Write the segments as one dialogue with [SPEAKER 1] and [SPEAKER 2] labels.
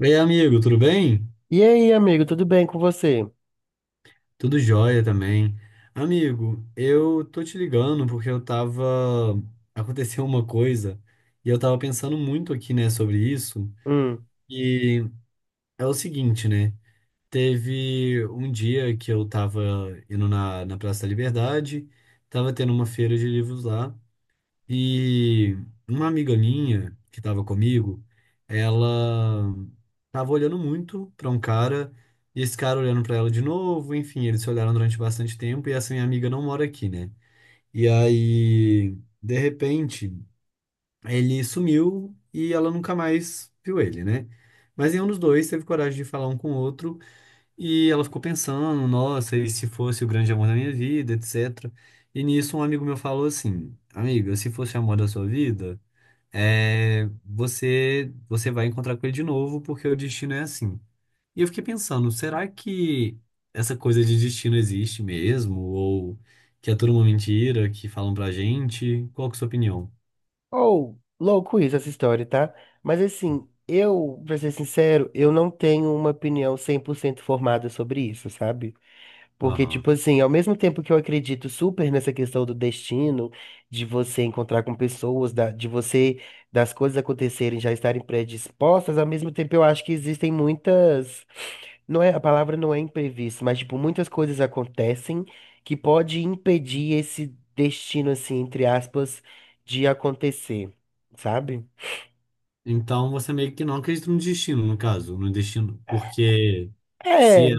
[SPEAKER 1] Ei, amigo, tudo bem?
[SPEAKER 2] E aí, amigo, tudo bem com você?
[SPEAKER 1] Tudo jóia também. Amigo, eu tô te ligando porque eu tava. Aconteceu uma coisa e eu tava pensando muito aqui, né, sobre isso.
[SPEAKER 2] Hum.
[SPEAKER 1] E é o seguinte, né? Teve um dia que eu tava indo na Praça da Liberdade, tava tendo uma feira de livros lá. E uma amiga minha que estava comigo, ela tava olhando muito para um cara, e esse cara olhando para ela de novo, enfim, eles se olharam durante bastante tempo e essa minha amiga não mora aqui, né? E aí, de repente, ele sumiu e ela nunca mais viu ele, né? Mas nenhum dos dois teve coragem de falar um com o outro e ela ficou pensando, nossa, e se fosse o grande amor da minha vida, etc. E nisso um amigo meu falou assim: Amiga, se fosse o amor da sua vida, é, você vai encontrar com ele de novo porque o destino é assim. E eu fiquei pensando, será que essa coisa de destino existe mesmo? Ou que é tudo uma mentira que falam pra gente? Qual que é a sua opinião?
[SPEAKER 2] Ou, louco isso, essa história, tá? Mas assim, eu, pra ser sincero, eu não tenho uma opinião 100% formada sobre isso, sabe? Porque,
[SPEAKER 1] Aham.
[SPEAKER 2] tipo assim, ao mesmo tempo que eu acredito super nessa questão do destino, de você encontrar com pessoas, de você, das coisas acontecerem, já estarem predispostas, ao mesmo tempo eu acho que existem muitas, não é, a palavra não é imprevisto, mas, tipo, muitas coisas acontecem que pode impedir esse destino, assim, entre aspas, de acontecer, sabe?
[SPEAKER 1] Então você meio que não acredita no destino, no caso, no destino, porque
[SPEAKER 2] É.
[SPEAKER 1] se, é-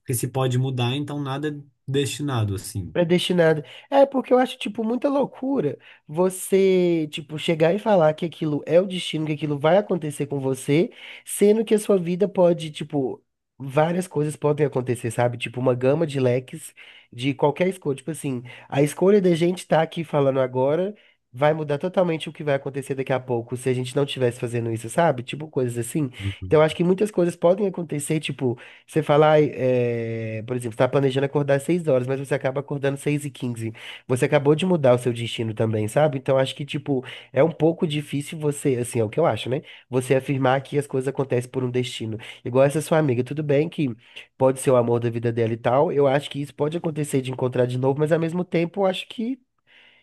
[SPEAKER 1] porque se pode mudar, então nada é destinado assim.
[SPEAKER 2] Predestinado. É, porque eu acho, tipo, muita loucura você, tipo, chegar e falar que aquilo é o destino, que aquilo vai acontecer com você, sendo que a sua vida pode, tipo, várias coisas podem acontecer, sabe? Tipo, uma gama de leques de qualquer escolha. Tipo assim, a escolha da gente tá aqui falando agora vai mudar totalmente o que vai acontecer daqui a pouco, se a gente não estivesse fazendo isso, sabe? Tipo, coisas assim. Então, eu acho que muitas coisas podem acontecer, tipo. Você fala, ai, é, por exemplo, você está planejando acordar às 6 horas, mas você acaba acordando às 6 e quinze. Você acabou de mudar o seu destino também, sabe? Então acho que, tipo, é um pouco difícil você, assim, é o que eu acho, né? Você afirmar que as coisas acontecem por um destino. Igual essa sua amiga, tudo bem que pode ser o amor da vida dela e tal. Eu acho que isso pode acontecer de encontrar de novo, mas ao mesmo tempo eu acho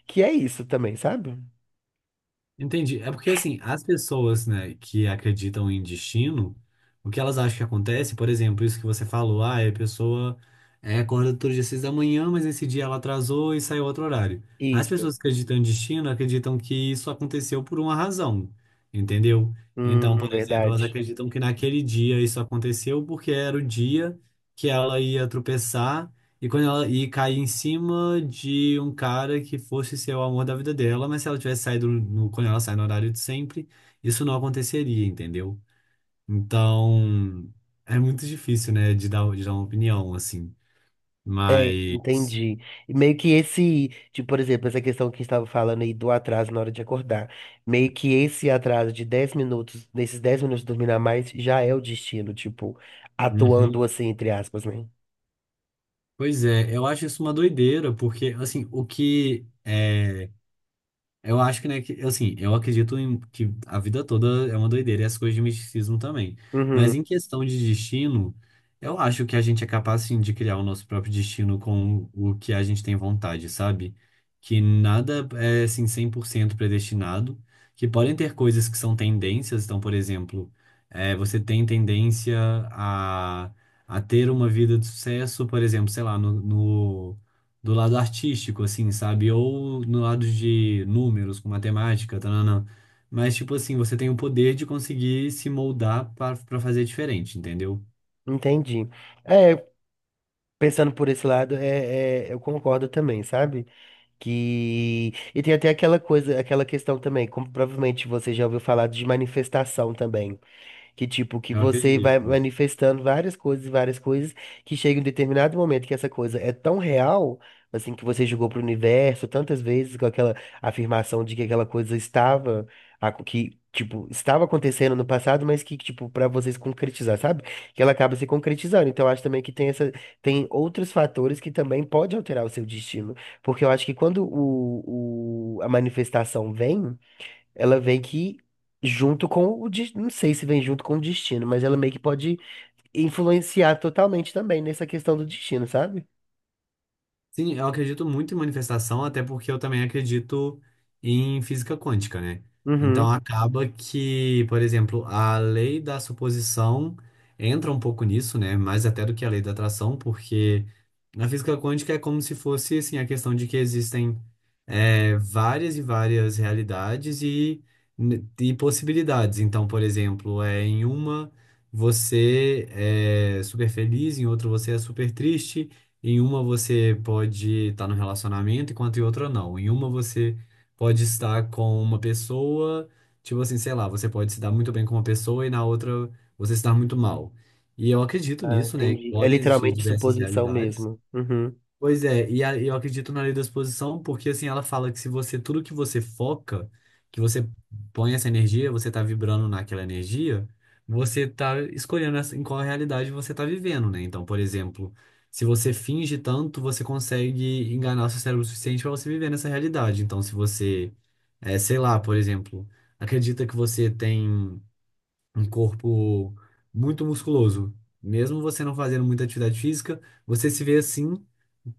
[SPEAKER 2] que é isso também, sabe?
[SPEAKER 1] Entendi. É porque, assim, as pessoas, né, que acreditam em destino, o que elas acham que acontece, por exemplo, isso que você falou, ah, a pessoa é, acorda todo dia às 6 da manhã, mas esse dia ela atrasou e saiu outro horário. As
[SPEAKER 2] Isso.
[SPEAKER 1] pessoas que acreditam em destino acreditam que isso aconteceu por uma razão, entendeu? Então, por exemplo, elas
[SPEAKER 2] Verdade.
[SPEAKER 1] acreditam que naquele dia isso aconteceu porque era o dia que ela ia tropeçar e quando ela e cair em cima de um cara que fosse ser o amor da vida dela, mas se ela tivesse saído no, quando ela sai no horário de sempre, isso não aconteceria, entendeu? Então, é muito difícil, né, de dar uma opinião, assim.
[SPEAKER 2] É,
[SPEAKER 1] Mas.
[SPEAKER 2] entendi. E meio que esse, tipo, por exemplo, essa questão que estava falando aí do atraso na hora de acordar. Meio que esse atraso de 10 minutos, nesses 10 minutos de dormir a mais, já é o destino, tipo,
[SPEAKER 1] Uhum.
[SPEAKER 2] atuando assim, entre aspas, né?
[SPEAKER 1] Pois é, eu acho isso uma doideira, porque, assim, o que é. Eu acho que, né, que, assim, eu acredito em, que a vida toda é uma doideira e as coisas de misticismo também.
[SPEAKER 2] Uhum,
[SPEAKER 1] Mas em questão de destino, eu acho que a gente é capaz, sim, de criar o nosso próprio destino com o que a gente tem vontade, sabe? Que nada é, assim, 100% predestinado, que podem ter coisas que são tendências. Então, por exemplo, é, você tem tendência a, a ter uma vida de sucesso, por exemplo, sei lá, no, do lado artístico, assim, sabe? Ou no lado de números, com matemática, tananã. Mas, tipo assim, você tem o poder de conseguir se moldar para fazer diferente, entendeu?
[SPEAKER 2] entendi. É, pensando por esse lado, eu concordo também, sabe? Que. E tem até aquela coisa, aquela questão também, como provavelmente você já ouviu falar de manifestação também. Que tipo, que
[SPEAKER 1] Eu
[SPEAKER 2] você vai
[SPEAKER 1] acredito.
[SPEAKER 2] manifestando várias coisas, e várias coisas, que chega em um determinado momento que essa coisa é tão real, assim, que você jogou pro universo tantas vezes com aquela afirmação de que aquela coisa estava, que, tipo, estava acontecendo no passado, mas que, tipo, pra vocês concretizar, sabe? Que ela acaba se concretizando. Então, eu acho também que tem essa, tem outros fatores que também pode alterar o seu destino. Porque eu acho que quando a manifestação vem. Ela vem que junto com o, de não sei se vem junto com o destino, mas ela meio que pode influenciar totalmente também nessa questão do destino, sabe?
[SPEAKER 1] Sim, eu acredito muito em manifestação, até porque eu também acredito em física quântica, né? Então
[SPEAKER 2] Uhum.
[SPEAKER 1] acaba que, por exemplo, a lei da suposição entra um pouco nisso, né? Mais até do que a lei da atração, porque na física quântica é como se fosse, assim, a questão de que existem é, várias e várias realidades e possibilidades. Então, por exemplo, é, em uma você é super feliz, em outra você é super triste. Em uma você pode estar no relacionamento, enquanto em outra não. Em uma você pode estar com uma pessoa, tipo assim, sei lá, você pode se dar muito bem com uma pessoa e na outra você se dar muito mal. E eu acredito
[SPEAKER 2] Ah,
[SPEAKER 1] nisso, né? Que
[SPEAKER 2] entendi. É
[SPEAKER 1] podem existir
[SPEAKER 2] literalmente
[SPEAKER 1] diversas
[SPEAKER 2] suposição
[SPEAKER 1] realidades.
[SPEAKER 2] mesmo. Uhum.
[SPEAKER 1] Pois é, e eu acredito na lei da exposição, porque assim, ela fala que se você, tudo que você foca, que você põe essa energia, você tá vibrando naquela energia, você tá escolhendo em qual realidade você tá vivendo, né? Então, por exemplo, se você finge tanto, você consegue enganar seu cérebro o suficiente para você viver nessa realidade. Então, se você, é, sei lá, por exemplo, acredita que você tem um corpo muito musculoso. Mesmo você não fazendo muita atividade física, você se vê assim,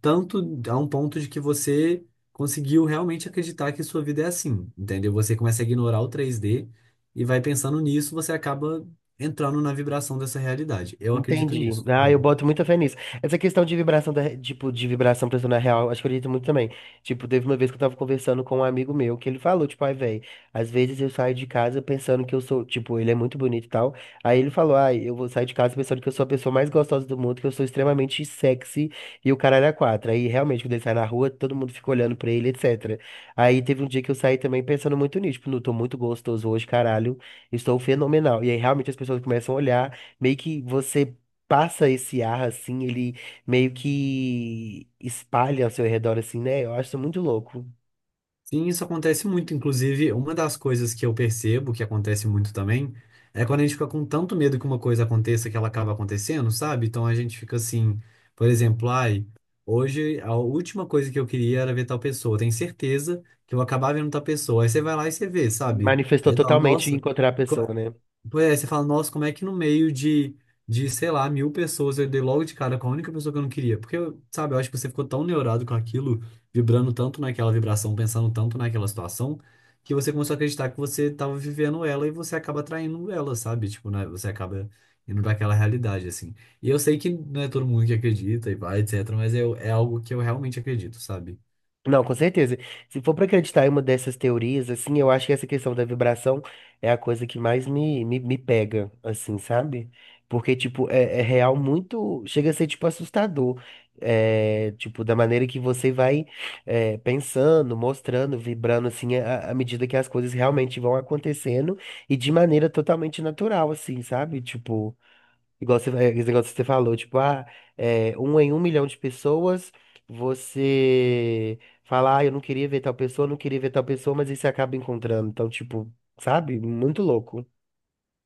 [SPEAKER 1] tanto a um ponto de que você conseguiu realmente acreditar que sua vida é assim, entendeu? Você começa a ignorar o 3D e vai pensando nisso, você acaba entrando na vibração dessa realidade. Eu acredito
[SPEAKER 2] Entendi.
[SPEAKER 1] nisso,
[SPEAKER 2] Ah, eu
[SPEAKER 1] sabe?
[SPEAKER 2] boto muita fé nisso. Essa questão de vibração, da, tipo, de vibração pra na real, acho que eu acredito muito também. Tipo, teve uma vez que eu tava conversando com um amigo meu, que ele falou, tipo, ai, velho, às vezes eu saio de casa pensando que eu sou, tipo, ele é muito bonito e tal. Aí ele falou, ai, eu vou sair de casa pensando que eu sou a pessoa mais gostosa do mundo, que eu sou extremamente sexy e o caralho é quatro. Aí, realmente, quando ele sai na rua, todo mundo fica olhando pra ele, etc. Aí teve um dia que eu saí também pensando muito nisso, tipo, não, tô muito gostoso hoje, caralho, estou fenomenal. E aí, realmente, as pessoas começam a olhar. Meio que você passa esse ar assim, ele meio que espalha ao seu redor assim, né? Eu acho isso muito louco.
[SPEAKER 1] Sim, isso acontece muito. Inclusive, uma das coisas que eu percebo que acontece muito também é quando a gente fica com tanto medo que uma coisa aconteça que ela acaba acontecendo, sabe? Então a gente fica assim, por exemplo, ai, hoje a última coisa que eu queria era ver tal pessoa. Eu tenho certeza que eu vou acabar vendo tal pessoa. Aí você vai lá e você vê, sabe?
[SPEAKER 2] Manifestou
[SPEAKER 1] Aí você fala,
[SPEAKER 2] totalmente
[SPEAKER 1] nossa.
[SPEAKER 2] encontrar a pessoa, né?
[SPEAKER 1] Pois é, você fala, nossa, como é que no meio de, sei lá, mil pessoas eu dei logo de cara com a única pessoa que eu não queria? Porque, sabe, eu acho que você ficou tão neurado com aquilo, vibrando tanto naquela vibração, pensando tanto naquela situação, que você começou a acreditar que você estava vivendo ela e você acaba atraindo ela, sabe? Tipo, né? Você acaba indo para aquela realidade, assim. E eu sei que não é todo mundo que acredita e vai, etc., mas eu, é algo que eu realmente acredito, sabe?
[SPEAKER 2] Não, com certeza. Se for para acreditar em uma dessas teorias, assim, eu acho que essa questão da vibração é a coisa que mais me pega, assim, sabe? Porque, tipo, é real muito. Chega a ser, tipo, assustador. É, tipo, da maneira que você vai pensando, mostrando, vibrando, assim, à medida que as coisas realmente vão acontecendo e de maneira totalmente natural, assim, sabe? Tipo. Igual você, é, esse negócio que você falou, tipo, ah, é, um em um milhão de pessoas, você fala, ah, eu não queria ver tal pessoa, não queria ver tal pessoa, mas aí você acaba encontrando. Então, tipo, sabe? Muito louco.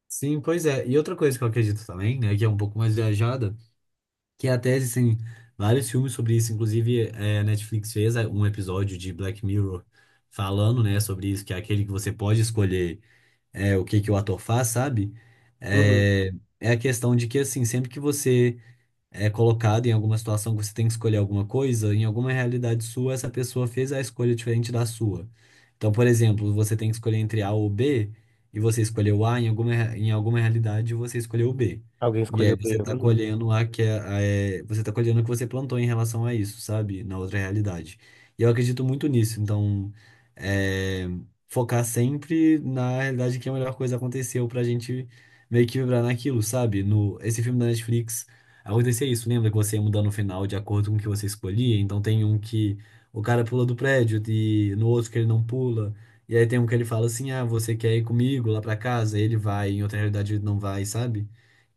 [SPEAKER 1] Sim, pois é. E outra coisa que eu acredito também, né, que é um pouco mais viajada, que até existem vários filmes sobre isso. Inclusive, a Netflix fez um episódio de Black Mirror falando, né, sobre isso, que é aquele que você pode escolher o que que o ator faz, sabe?
[SPEAKER 2] Hum,
[SPEAKER 1] É, é a questão de que, assim, sempre que você é colocado em alguma situação que você tem que escolher alguma coisa, em alguma realidade sua, essa pessoa fez a escolha diferente da sua. Então, por exemplo, você tem que escolher entre A ou B, e você escolheu A, em alguma, em alguma realidade você escolheu B.
[SPEAKER 2] alguém
[SPEAKER 1] E aí
[SPEAKER 2] escolheu
[SPEAKER 1] você
[SPEAKER 2] bem.
[SPEAKER 1] tá
[SPEAKER 2] Uhum.
[SPEAKER 1] colhendo a que é, a- é- você tá colhendo o que você plantou em relação a isso, sabe? Na outra realidade. E eu acredito muito nisso, então é, focar sempre na realidade que a melhor coisa aconteceu pra gente meio que vibrar naquilo, sabe? No, esse filme da Netflix. Acontecia isso, lembra que você ia mudar no final de acordo com o que você escolhia? Então tem um que o cara pula do prédio e no outro que ele não pula. E aí tem um que ele fala assim: ah, você quer ir comigo lá pra casa? Ele vai, em outra realidade ele não vai, sabe?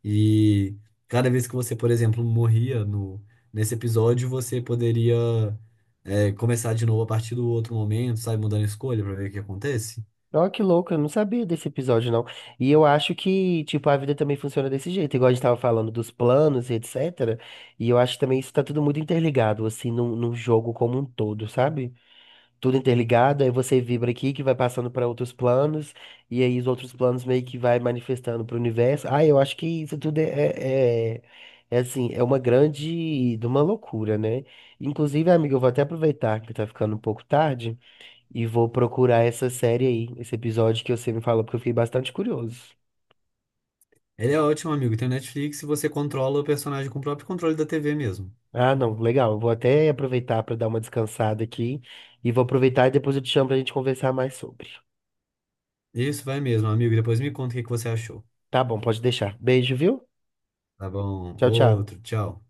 [SPEAKER 1] E cada vez que você, por exemplo, morria no, nesse episódio, você poderia é, começar de novo a partir do outro momento, sabe? Mudando a escolha pra ver o que acontece.
[SPEAKER 2] Ó, que louco, eu não sabia desse episódio, não. E eu acho que, tipo, a vida também funciona desse jeito, igual a gente tava falando dos planos e etc. E eu acho que também isso tá tudo muito interligado, assim, num jogo como um todo, sabe? Tudo interligado, aí você vibra aqui que vai passando para outros planos, e aí os outros planos meio que vai manifestando para o universo. Ah, eu acho que isso tudo é assim, é uma grande, de uma loucura, né? Inclusive, amiga, eu vou até aproveitar que tá ficando um pouco tarde e vou procurar essa série aí, esse episódio que você me falou, porque eu fiquei bastante curioso.
[SPEAKER 1] Ele é ótimo, amigo. Tem o Netflix e você controla o personagem com o próprio controle da TV mesmo.
[SPEAKER 2] Ah, não, legal. Eu vou até aproveitar para dar uma descansada aqui e vou aproveitar e depois eu te chamo pra gente conversar mais sobre.
[SPEAKER 1] Isso vai mesmo, amigo. Depois me conta o que que você achou.
[SPEAKER 2] Tá bom, pode deixar. Beijo, viu?
[SPEAKER 1] Tá bom.
[SPEAKER 2] Tchau, tchau.
[SPEAKER 1] Outro, tchau.